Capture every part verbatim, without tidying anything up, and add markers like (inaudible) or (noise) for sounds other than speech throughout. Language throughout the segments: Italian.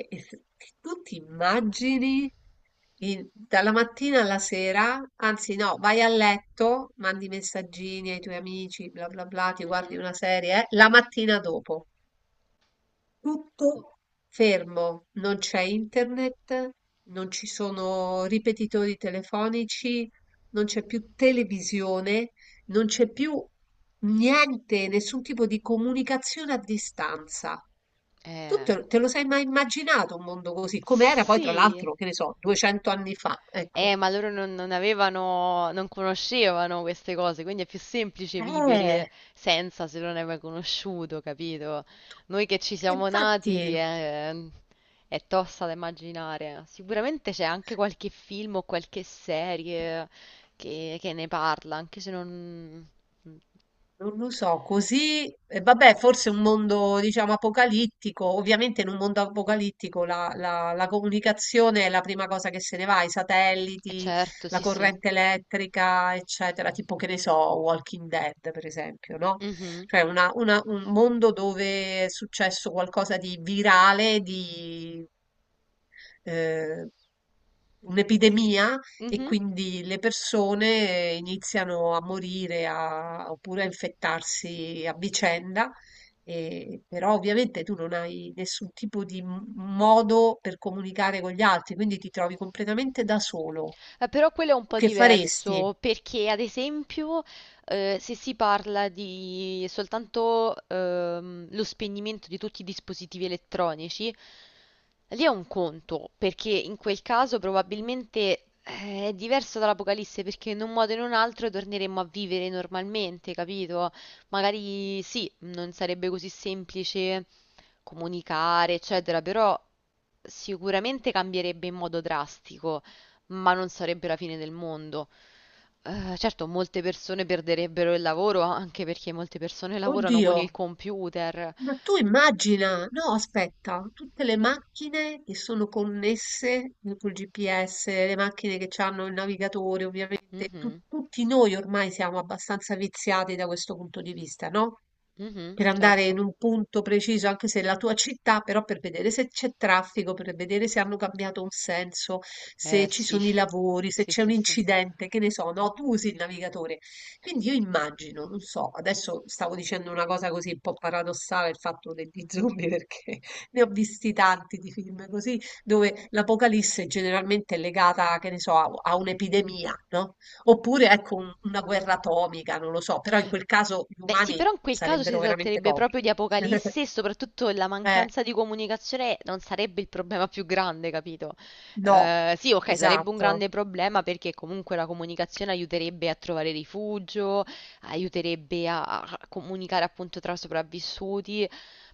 E e se tu ti immagini in- dalla mattina alla sera, anzi no, vai a letto, mandi messaggini ai tuoi amici, bla bla bla, ti guardi Mhm. una serie, eh, la mattina dopo. Tutto fermo, non c'è internet, non ci sono ripetitori telefonici, non c'è più televisione, non c'è più niente, nessun tipo di comunicazione a distanza. Tu Eh, te, te lo sei mai immaginato un mondo così? Come era poi, tra sì, l'altro, che ne so, duecento anni fa, ecco. eh, ma loro non, non avevano, non conoscevano queste cose, quindi è più semplice Eh, vivere senza se non hai mai conosciuto, capito? Noi che ci siamo infatti. nati eh, è tosta da immaginare. Sicuramente c'è anche qualche film o qualche serie che, che ne parla, anche se non... Non lo so, così, e vabbè, forse un mondo, diciamo, apocalittico. Ovviamente in un mondo apocalittico la, la- la comunicazione è la prima cosa che se ne va, i è satelliti, certo, la sì, sì. corrente elettrica, eccetera, tipo che ne so, Walking Dead, per esempio, no? Mhm. Cioè una- una- un mondo dove è successo qualcosa di virale, eh, un'epidemia e Mhm. quindi le persone eh, iniziano a morire a- oppure a infettarsi a vicenda. E, però ovviamente tu non hai nessun tipo di m- modo per comunicare con gli altri, quindi ti trovi completamente da solo. Eh, però quello è un po' Che faresti? diverso perché, ad esempio, eh, se si parla di soltanto ehm, lo spegnimento di tutti i dispositivi elettronici, lì è un conto, perché in quel caso probabilmente eh, è diverso dall'Apocalisse, perché in un modo o in un altro torneremmo a vivere normalmente, capito? Magari sì, non sarebbe così semplice comunicare, eccetera, però sicuramente cambierebbe in modo drastico ma non sarebbe la fine del mondo. Eh, certo, molte persone perderebbero il lavoro anche perché molte persone lavorano con Oddio, il computer. ma tu immagina, no, aspetta, tutte le macchine che sono connesse mm, col gi pi esse, le macchine che hanno il navigatore, ovviamente, tu- Mhm, tutti noi ormai siamo abbastanza viziati da questo punto di vista, no? mhm, Per andare certo. in un punto preciso, anche se è la tua città, però per vedere se c'è traffico, per vedere se hanno cambiato un senso, Eh se ci sì, sono i lavori, se sì, c'è un sì, sì. incidente, che ne so, no? Tu usi il navigatore. Quindi io immagino, non so, adesso stavo dicendo una cosa così un po' paradossale, il fatto degli zombie, (laughs) perché ne ho visti tanti di film così, dove l'apocalisse generalmente è legata, che ne so, a, a un'epidemia, no? Oppure, ecco, un- una guerra atomica, non lo so, però in quel caso gli Beh, sì, umani però in quel caso si sarebbero veramente tratterebbe pochi. proprio di (laughs) apocalisse e soprattutto la Eh, mancanza di comunicazione non sarebbe il problema più grande, capito? no, Eh, sì, ok, sarebbe un esatto. grande problema perché comunque la comunicazione aiuterebbe a trovare rifugio, aiuterebbe a, a comunicare appunto tra sopravvissuti,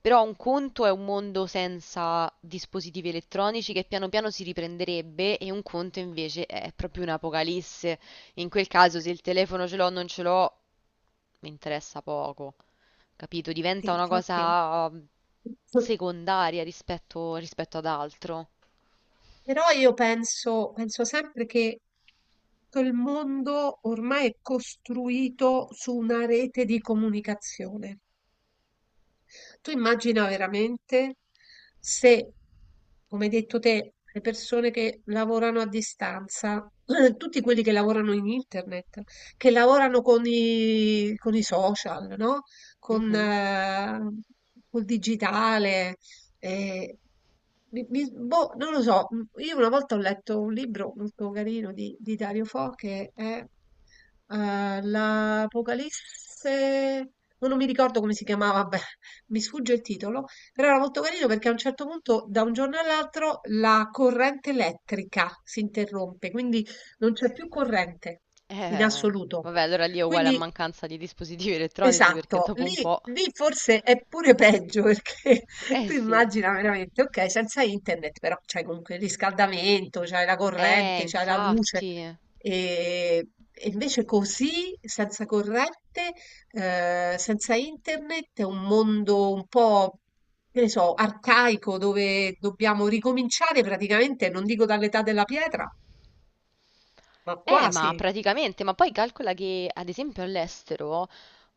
però un conto è un mondo senza dispositivi elettronici che piano piano si riprenderebbe e un conto invece è proprio un'apocalisse. In quel caso, se il telefono ce l'ho o non ce l'ho, mi interessa poco, capito? Sì, Diventa una infatti. cosa um, (laughs) secondaria rispetto, rispetto ad altro. Però io penso, penso sempre che tutto il mondo ormai è costruito su una rete di comunicazione. Tu immagina veramente se, come hai detto te, le persone che lavorano a distanza, (clears throat) tutti quelli che lavorano in internet, che lavorano con i, con i social, no? Con, Mhm. eh, col digitale, eh, mi- mi- boh, non lo so, m, io una volta ho letto un libro molto carino di, di Dario Fo che è eh, L'Apocalisse, no, non mi ricordo come si chiamava, beh, mi sfugge il titolo, però era molto carino perché a un certo punto, da un giorno all'altro, la corrente elettrica si interrompe, quindi non c'è più corrente in Eh, assoluto. vabbè, allora lì è uguale a Quindi mancanza di dispositivi elettronici perché esatto, dopo un lì, po'. lì forse è pure peggio perché (laughs) Eh tu sì. immagina veramente, ok, senza internet, però c'hai comunque il riscaldamento, c'hai la Eh, corrente, c'hai la luce, infatti. e, e invece così, senza corrente, eh, senza internet, è un mondo un po', che ne so, arcaico dove dobbiamo ricominciare praticamente, non dico dall'età della pietra, ma Eh, ma quasi. praticamente, ma poi calcola che ad esempio all'estero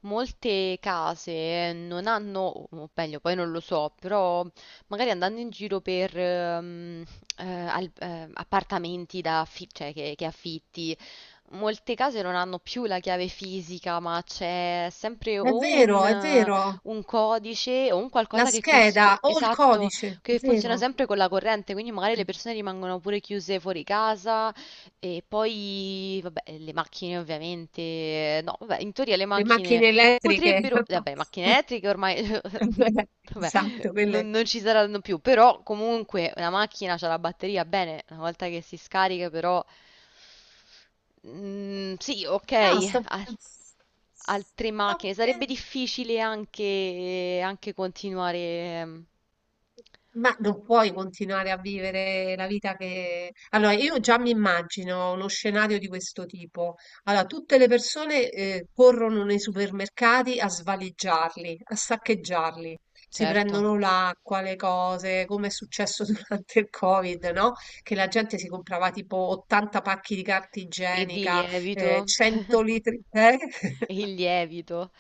molte case non hanno, o meglio, poi non lo so, però magari andando in giro per ehm, eh, al- eh, appartamenti da affi- cioè che, che affitti molte case non hanno più la chiave fisica, ma c'è sempre È o un, vero, è eh, vero, un codice o un la qualcosa che, cons- che- scheda o il esatto, codice, è che funziona vero. sempre con la corrente, quindi magari le persone rimangono pure chiuse fuori casa e poi, vabbè, le macchine ovviamente, no, vabbè, in teoria le Le macchine macchine elettriche. potrebbero, vabbè, macchine elettriche ormai, (laughs) (laughs) vabbè, Esatto, non, quelle... non ci saranno più, però comunque una macchina c'ha la batteria, bene, una volta che si scarica però... Mm, sì, ok, No, sto... (laughs) altre Sto... macchine. Sarebbe pe- difficile anche, anche continuare, ehm, ma non puoi continuare a vivere la vita che... Allora, io già mi immagino uno scenario di questo tipo. Allora, tutte le persone eh, corrono nei supermercati a svaligiarli, a saccheggiarli. Si certo. prendono l'acqua, le cose, come è successo (laughs) durante il Covid, no? Che la gente si comprava tipo ottanta pacchi di carta E di igienica, lievito, eh, cento litri... Eh? (laughs) il lievito,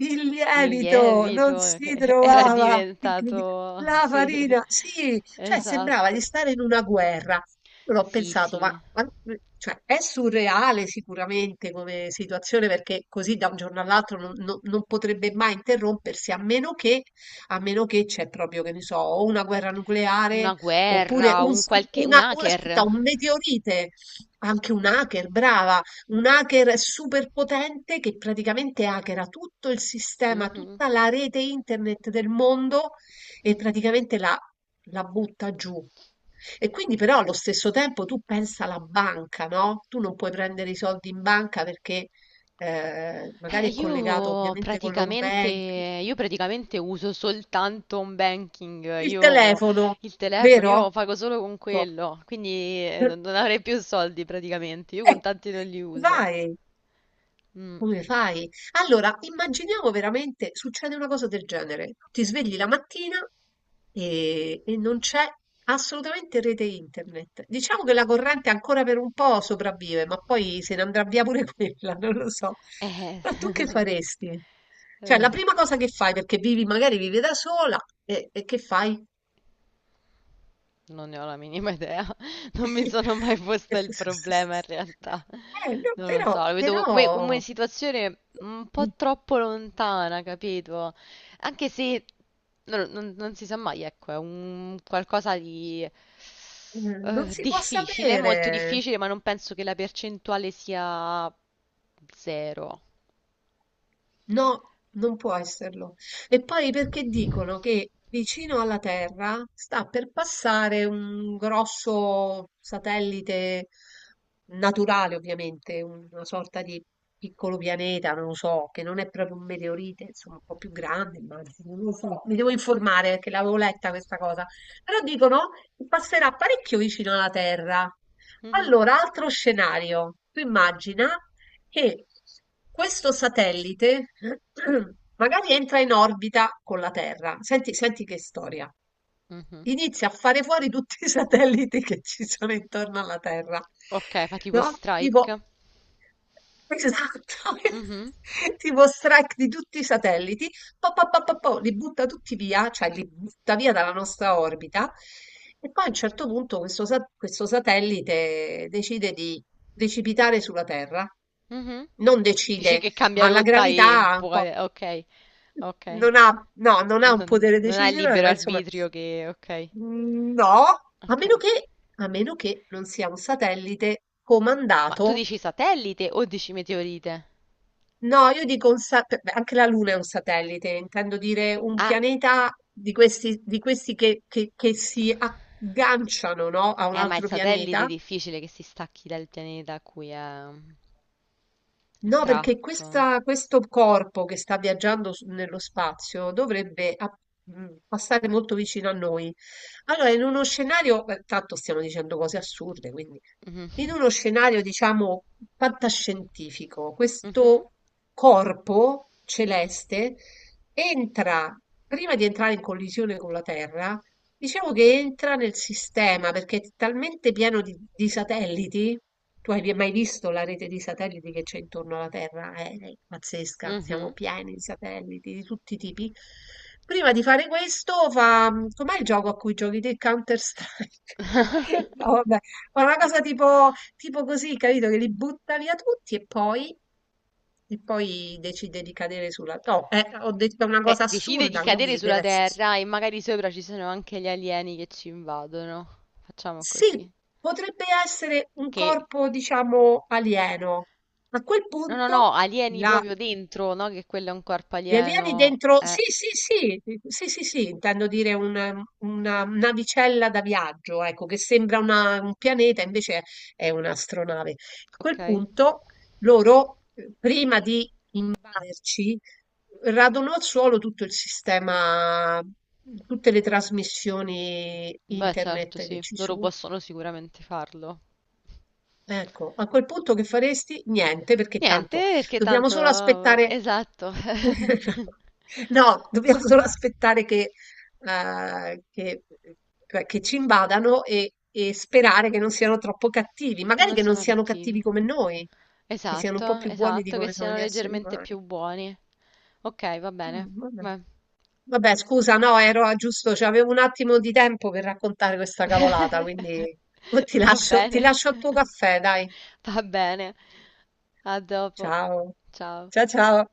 Il il lievito non lievito si che (laughs) era trovava, incredi diventato, la sì, farina, sì, (laughs) cioè sembrava esatto. di stare in una guerra. Io l'ho Sì, pensato, ma, sì, ma- mhmm, cioè, è surreale sicuramente come situazione perché così da un giorno all'altro non, non- non potrebbe mai interrompersi a meno che, a meno che c'è proprio, che ne so, o una guerra nucleare una oppure guerra, un, un s- qualche, un una, un- aspetta, hacker. un meteorite, anche un hacker, brava un hacker super potente che praticamente hackera tutto il sistema, Mhm. tutta la rete internet del mondo e praticamente la, la butta giù. E quindi però allo stesso tempo tu pensa alla banca, no? Tu non puoi prendere i soldi in banca perché eh, Eh, magari è collegato io ovviamente con l'home praticamente, banking. io praticamente uso soltanto un banking, Il io telefono, il telefono, io vero? pago solo con Ecco. quello, quindi eh, non, non (laughs) avrei più soldi praticamente, io Eh, contanti non li uso. vai. Mm, Come fai? Allora, immaginiamo veramente, succede una cosa del genere. Ti svegli la mattina e, e non c'è assolutamente rete internet. Diciamo che la corrente ancora per un po' sopravvive, ma poi se ne andrà via pure (laughs) quella, non lo so. eh, Ma tu che faresti? Cioè, la eh, prima cosa che fai, perché vivi, magari vivi da sola, e, e che fai? non ne ho la minima idea, (laughs) non mi sono mai (laughs) posta il problema in realtà, Eh, no, non lo però, so, lo vedo come, però... come situazione un po' troppo lontana, capito? Anche se non, non non si sa mai, ecco, è un qualcosa di Mh, non eh, si può difficile, molto sapere. difficile, ma non penso che la percentuale sia zero. No, non può esserlo. E poi perché dicono che vicino alla Terra sta per passare un grosso satellite naturale, ovviamente, una sorta di piccolo pianeta, non lo so, che non è proprio un meteorite, insomma, un po' più grande, immagino, non lo so. Mi devo informare perché l'avevo letta questa cosa. Però dicono che passerà parecchio vicino alla Terra. Mhm, Allora, altro scenario. Tu immagina e questo satellite (clears throat) magari entra in orbita con la Terra. Senti, senti che storia. mhm. Inizia a fare fuori tutti i satelliti che ci sono intorno alla Terra. Ok, fa tipo No? Tipo, strike. esatto, (laughs) tipo strike di tutti i satelliti, po, po, po, po, po, li butta tutti via, cioè li butta via dalla nostra orbita. E poi a un certo punto questo, sa- questo satellite decide di precipitare sulla Terra. Mhm, mhm. Non Dici decide, che cambia ma la rotta e gravità ha un po' vuole. Ok, ok. non ha no, non ha un Non, potere non hai decisionale, libero ma insomma arbitrio che. Ok, mhmm, no, a ok. meno che a meno che non sia un satellite Ma tu comandato dici satellite o dici meteorite? no, io dico un sa p beh, anche la Luna è un satellite, intendo dire un Ah, pianeta di questi di questi che che che si agganciano, no, a un eh, ma il altro satellite è pianeta difficile che si stacchi dal pianeta a cui è no, perché attratto. questa- questo corpo che sta viaggiando su- nello spazio dovrebbe a- mh, passare molto vicino a noi. Allora, in uno scenario, eh, tanto stiamo dicendo cose assurde, quindi Mhm. (laughs) in uno scenario, diciamo, fantascientifico, questo corpo celeste entra, prima di entrare in collisione con la Terra, diciamo che entra nel sistema perché è talmente pieno di, di satelliti. Tu hai mai visto la rete di satelliti che c'è intorno alla Terra? È, è pazzesca, siamo Mhm. pieni di satelliti di tutti i tipi. Prima di fare questo, fa... com'è il gioco a cui giochi te? Counter-Strike? (laughs) No, vabbè, ma una cosa tipo, tipo così, capito? Che li butta via tutti e poi, e poi decide di cadere sulla... No, eh, ho detto una Eh, cosa decide di assurda, cadere quindi sulla deve essere Terra e magari sopra ci sono anche gli alieni che ci invadono. Facciamo sì, così. potrebbe essere un Che... corpo, diciamo, alieno. A quel No, no, no, punto, alieni la- proprio dentro, no? Che quello è un corpo gli alieni alieno. dentro... Eh, Sì, sì, sì, sì, sì, sì, intendo dire un- una navicella da viaggio, ecco, che sembra una- un pianeta, invece è un'astronave. A ok. quel punto, loro, eh, prima di vaderci, radono al suolo tutto il sistema, tutte le trasmissioni Beh, certo, internet che sì. ci Loro sono. possono sicuramente farlo. Ecco, a quel punto che faresti? Niente, perché Niente, tanto perché dobbiamo tanto... solo aspettare. Esatto, (laughs) No, dobbiamo solo aspettare che, eh, che- che- che ci invadano e, e sperare che non siano troppo cattivi, che magari non che non siano siano cattivi cattivi. come noi, che siano un po' Esatto, più buoni di esatto, che come sono siano gli esseri leggermente umani. più buoni. Ok, va bene. Mm, vabbè. Beh. Vabbè, scusa, no, ero a giusto, cioè, avevo un attimo di tempo per raccontare questa cavolata, (laughs) quindi oh, ti Va lascio, ti bene, lascio al tuo caffè, dai. va bene. A dopo. Ciao, Ciao. ciao ciao.